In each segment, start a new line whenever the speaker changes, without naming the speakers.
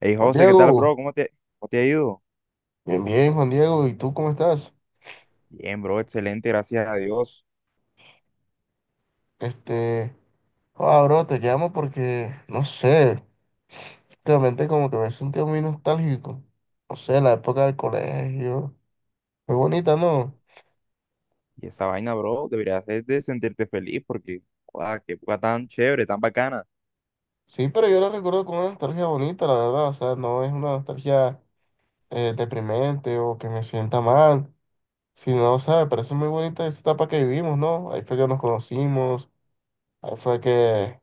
Hey
Juan
José, ¿qué tal,
Diego,
bro? ¿Cómo cómo te ha ido?
bien, bien, Juan Diego, ¿y tú cómo estás?
Bien, bro, excelente, gracias a Dios.
Este, Bro, te llamo porque, no sé, últimamente como que me he sentido muy nostálgico. No sé, la época del colegio, muy bonita, ¿no?
Y esa vaina, bro, deberías hacerte sentirte feliz porque, guau, qué época tan chévere, tan bacana.
Sí, pero yo la recuerdo con una nostalgia bonita, la verdad, o sea, no es una nostalgia deprimente o que me sienta mal, sino, o sea, me parece muy bonita esa etapa que vivimos, ¿no? Ahí fue que nos conocimos, ahí fue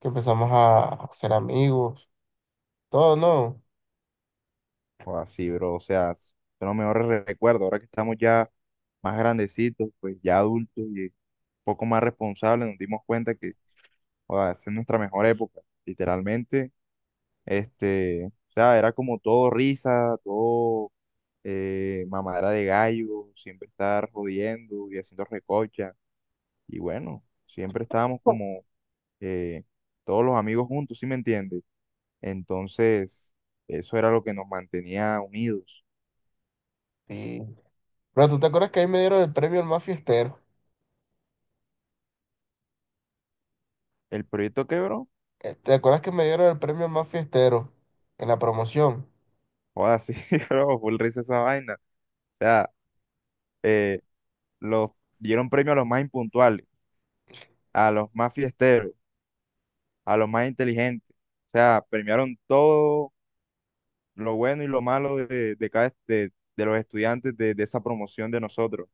que empezamos a ser amigos, todo, ¿no?
Guau, sí, bro, o sea, son los mejores recuerdos. Ahora que estamos ya más grandecitos, pues ya adultos y un poco más responsables, nos dimos cuenta que, guau, esa es nuestra mejor época, literalmente. Este, o sea, era como todo risa, todo mamadera de gallo, siempre estar jodiendo y haciendo recocha. Y bueno, siempre estábamos como eh, todos los amigos juntos, ¿sí me entiendes? Entonces, eso era lo que nos mantenía unidos.
Sí. Pero tú te acuerdas que ahí me dieron el premio al más fiestero.
El proyecto quebró,
¿Te acuerdas que me dieron el premio al más fiestero en la promoción?
joda, sí, bro, full risa esa vaina. O sea, eh, los, dieron premio a los más impuntuales, a los más fiesteros, a los más inteligentes. O sea, premiaron todo lo bueno y lo malo de cada, de los estudiantes de esa promoción de nosotros.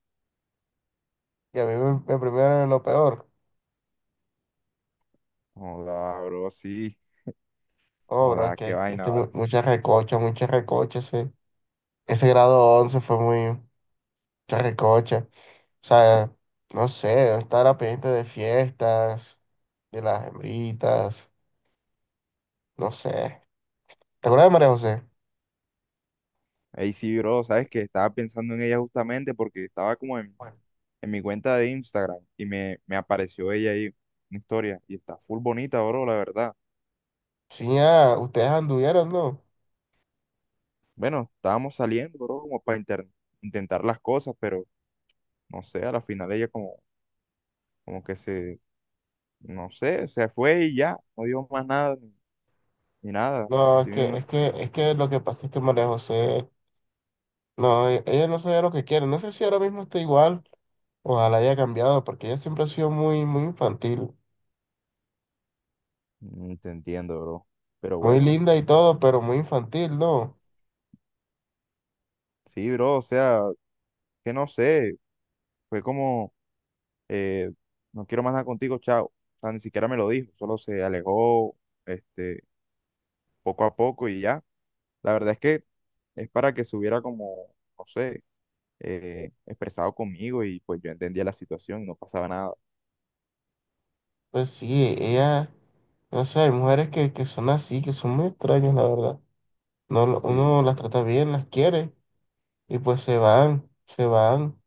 Y a me premiaron en lo peor.
Joda, bro, sí,
Oh, bro,
joda, qué
es
vaina,
que
¿vale?
mucha recocha, mucha recocha. Ese grado 11 fue muy, mucha recocha. O sea, no sé, estar a pendiente de fiestas, de las hembritas, no sé. ¿Te acuerdas de María José?
Ahí sí, bro, sabes que estaba pensando en ella justamente porque estaba como
Bueno.
en mi cuenta de Instagram y me apareció ella ahí, una historia, y está full bonita, bro, la verdad.
Sí, ah, ustedes anduvieron, ¿no?
Bueno, estábamos saliendo, bro, como para intentar las cosas, pero no sé, a la final ella como, como que se, no sé, se fue y ya, no dijo más nada, ni, ni nada.
No, es
Yo
que,
no-
es que, es que lo que pasa es que María José. No, ella no sabía lo que quiere. No sé si ahora mismo está igual. Ojalá haya cambiado, porque ella siempre ha sido muy, muy infantil.
Mm, te entiendo, bro. Pero
Muy
bueno,
linda y todo, pero muy infantil, ¿no?
sí, bro, o sea, que no sé, fue como eh, no quiero más nada contigo, chao. O sea, ni siquiera me lo dijo, solo se alejó, este, poco a poco y ya. La verdad es que es para que se hubiera como, no sé, expresado conmigo y pues yo entendía la situación, y no pasaba nada.
Pues sí, ella, no sé, hay mujeres que son así, que son muy extrañas, la verdad. No, uno las
Sí,
trata bien, las quiere, y pues se van, se van.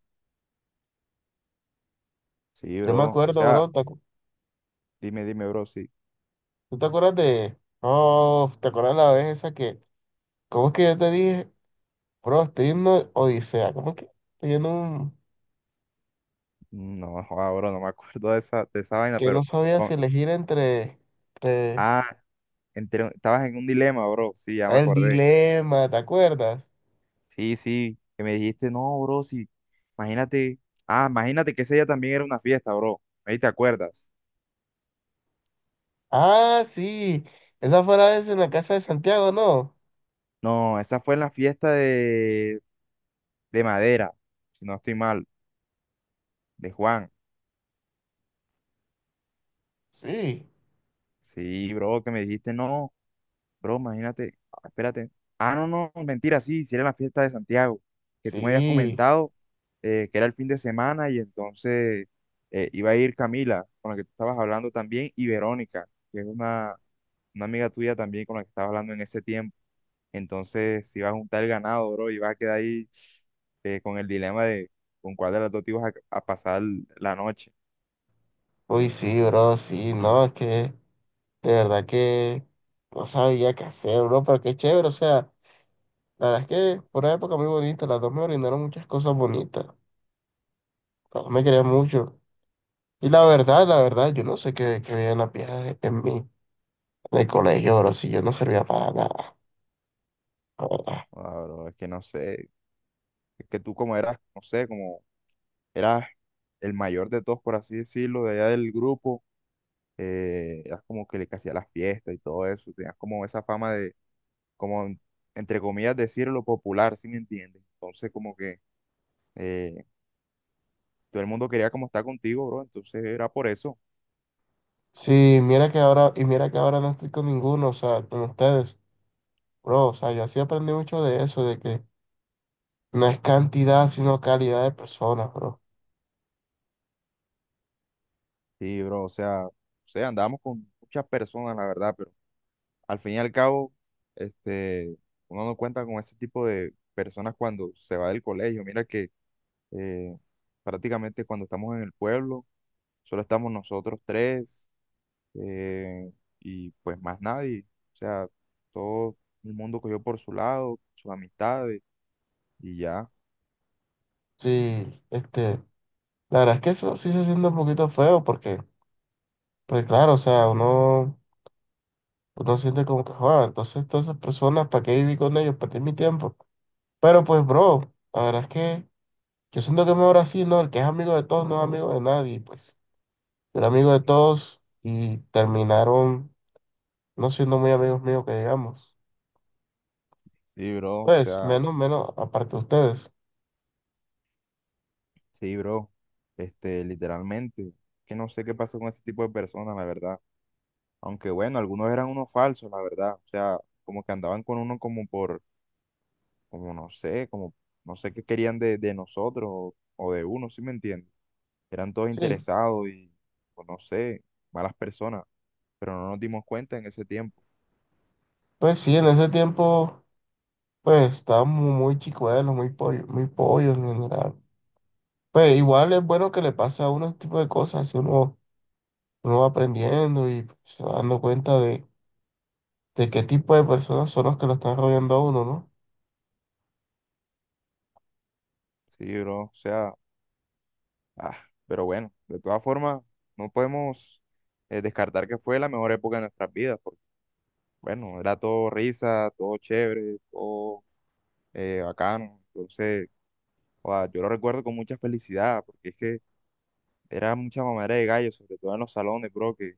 sí,
Yo me
bro. O
acuerdo,
sea,
bro,
dime, dime, bro, sí.
¿tú te acuerdas de... Oh, ¿te acuerdas la vez esa que... ¿Cómo es que yo te dije? Bro, estoy en una odisea, ¿cómo es que estoy en un...
No, joda, bro, no me acuerdo de esa vaina,
que no
pero...
sabía si
con-
elegir entre
Ah, estabas en un dilema, bro. Sí, ya me
el
acordé.
dilema, ¿te acuerdas?
Sí, sí, que me dijiste, no, bro, sí, imagínate, ah, imagínate que ese día también era una fiesta, bro, ahí te acuerdas.
Ah, sí, esa fue la vez en la casa de Santiago, ¿no?
No, esa fue en la fiesta de Madera, si no estoy mal, de Juan.
Sí,
Sí, bro, que me dijiste, no, bro, imagínate, ah, espérate. Ah, no, no, mentira, sí, sí era la fiesta de Santiago, que tú me habías
sí,
comentado que era el fin de semana y entonces iba a ir Camila, con la que tú estabas hablando también, y Verónica, que es una amiga tuya también con la que estabas hablando en ese tiempo. Entonces, si vas a juntar el ganado, bro, y vas a quedar ahí con el dilema de con cuál de las dos a pasar la noche.
uy, sí, bro, sí, no, es que de verdad que no sabía qué hacer, bro, pero qué chévere, o sea, la verdad es que fue una época muy bonita, las dos me brindaron muchas cosas bonitas, las dos me querían mucho. Y la verdad, yo no sé qué veían las viejas en mí, en el colegio, bro, si yo no servía para nada. La verdad.
Ah, bro, es que no sé, es que tú como eras, no sé, como eras el mayor de todos, por así decirlo, de allá del grupo, eras como que le que hacía las fiestas y todo eso, tenías como esa fama de, como, entre comillas, decirlo popular, ¿si me entiendes? Entonces, como que eh, todo el mundo quería como estar contigo, bro, entonces era por eso.
Sí, mira que ahora, y mira que ahora no estoy con ninguno, o sea, con ustedes, bro, o sea, yo así aprendí mucho de eso, de que no es cantidad, sino calidad de personas, bro.
Sí, bro, o sea, andábamos con muchas personas, la verdad, pero al fin y al cabo, este, uno no cuenta con ese tipo de personas cuando se va del colegio. Mira que eh, prácticamente cuando estamos en el pueblo, solo estamos nosotros tres eh, y pues más nadie. O sea, todo el mundo cogió por su lado, sus amistades y ya.
Sí, este, la verdad es que eso sí se siente un poquito feo, porque, pues claro, o sea, uno, uno siente como que, joder, entonces todas esas personas, ¿para qué viví con ellos? Perdí mi tiempo. Pero pues, bro, la verdad es que yo siento que es mejor así, ¿no? El que es amigo de todos no es amigo de nadie, pues, yo era amigo de todos y terminaron no siendo muy amigos míos que digamos.
Sí, bro, o
Pues
sea,
menos, menos, aparte de ustedes.
sí, bro, este, literalmente, que no sé qué pasó con ese tipo de personas, la verdad. Aunque bueno, algunos eran unos falsos, la verdad. O sea, como que andaban con uno como por, como no sé qué querían de nosotros o de uno, ¿sí me entiendes? Eran todos
Sí,
interesados y, pues no sé, malas personas, pero no nos dimos cuenta en ese tiempo.
pues sí, en ese tiempo, pues estábamos muy chicuelos, muy pollo, muy pollos en general. Pues igual es bueno que le pase a uno este tipo de cosas, si uno, uno va aprendiendo y se va dando cuenta de qué tipo de personas son los que lo están rodeando a uno, ¿no?
Sí, bro, o sea, ah, pero bueno, de todas formas, no podemos descartar que fue la mejor época de nuestras vidas, porque bueno, era todo risa, todo chévere, todo bacano. Entonces joda, yo lo recuerdo con mucha felicidad, porque es que era mucha mamadera de gallo, sobre todo en los salones, bro, que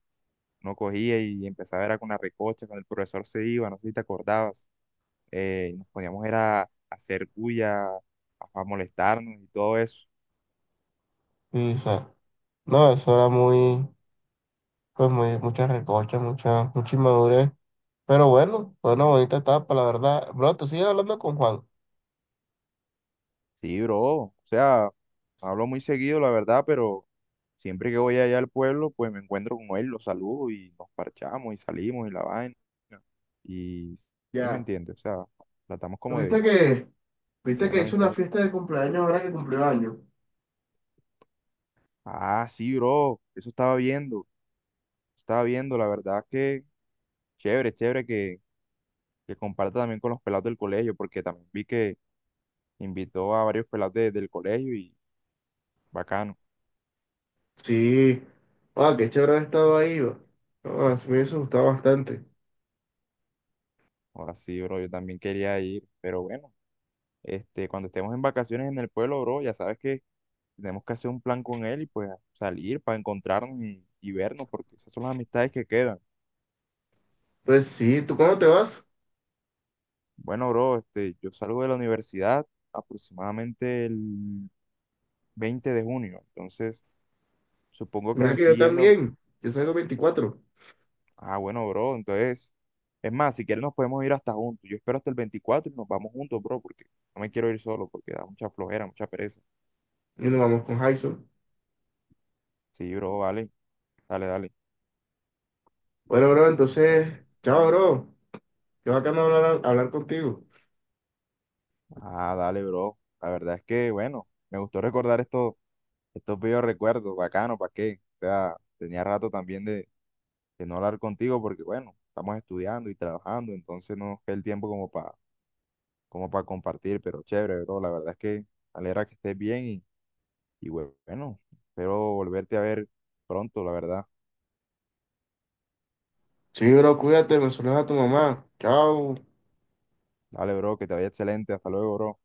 no cogía y empezaba era con la recocha, cuando el profesor se iba, no sé si te acordabas, nos poníamos era a hacer bulla, a molestarnos y todo eso.
Y o sea, no, eso era muy, pues muy, mucha recocha, mucha, mucha inmadurez. Pero bueno, fue una bonita etapa, la verdad. Bro, tú sigues hablando con Juan.
Sí, bro, o sea, no hablo muy seguido, la verdad, pero siempre que voy allá al pueblo, pues me encuentro con él, lo saludo y nos parchamos y salimos y la vaina. Y sí me
Ya.
entiende, o sea, tratamos como
¿Viste
de
que, viste
tener
que
la
hizo una
amistad.
fiesta de cumpleaños ahora que cumplió años?
Ah, sí, bro, eso estaba viendo, la verdad que chévere, chévere que comparta también con los pelados del colegio, porque también vi que invitó a varios pelados del colegio y bacano.
Sí, ah, qué chévere haber estado ahí, va. Ah, sí me hubiese gustado bastante.
Ahora sí, bro, yo también quería ir, pero bueno, este, cuando estemos en vacaciones en el pueblo, bro, ya sabes que tenemos que hacer un plan con él y pues salir para encontrarnos y vernos, porque esas son las amistades que quedan.
Pues sí, ¿tú cómo te vas?
Bueno, bro, este, yo salgo de la universidad aproximadamente el 20 de junio, entonces... Supongo que
Mira
me
que yo
estoy yendo.
también, yo salgo 24
Ah, bueno, bro, entonces. Es más, si quieres nos podemos ir hasta juntos. Yo espero hasta el 24 y nos vamos juntos, bro, porque no me quiero ir solo, porque da mucha flojera, mucha pereza.
y nos vamos con Jason.
Sí, bro, vale. Dale, dale.
Bueno, bro, entonces,
Entonces,
chao, bro, qué bacano hablar, hablar contigo.
ah, dale, bro. La verdad es que, bueno, me gustó recordar estos, estos viejos recuerdos, bacano, ¿para qué? O sea, tenía rato también de no hablar contigo, porque, bueno, estamos estudiando y trabajando, entonces no nos queda el tiempo como para como para compartir, pero chévere, bro. La verdad es que me alegra que estés bien. Y bueno, espero volverte a ver pronto, la verdad.
Sí, bro, cuídate, me saludas a tu mamá, chao.
Dale, bro, que te vaya excelente. Hasta luego, bro.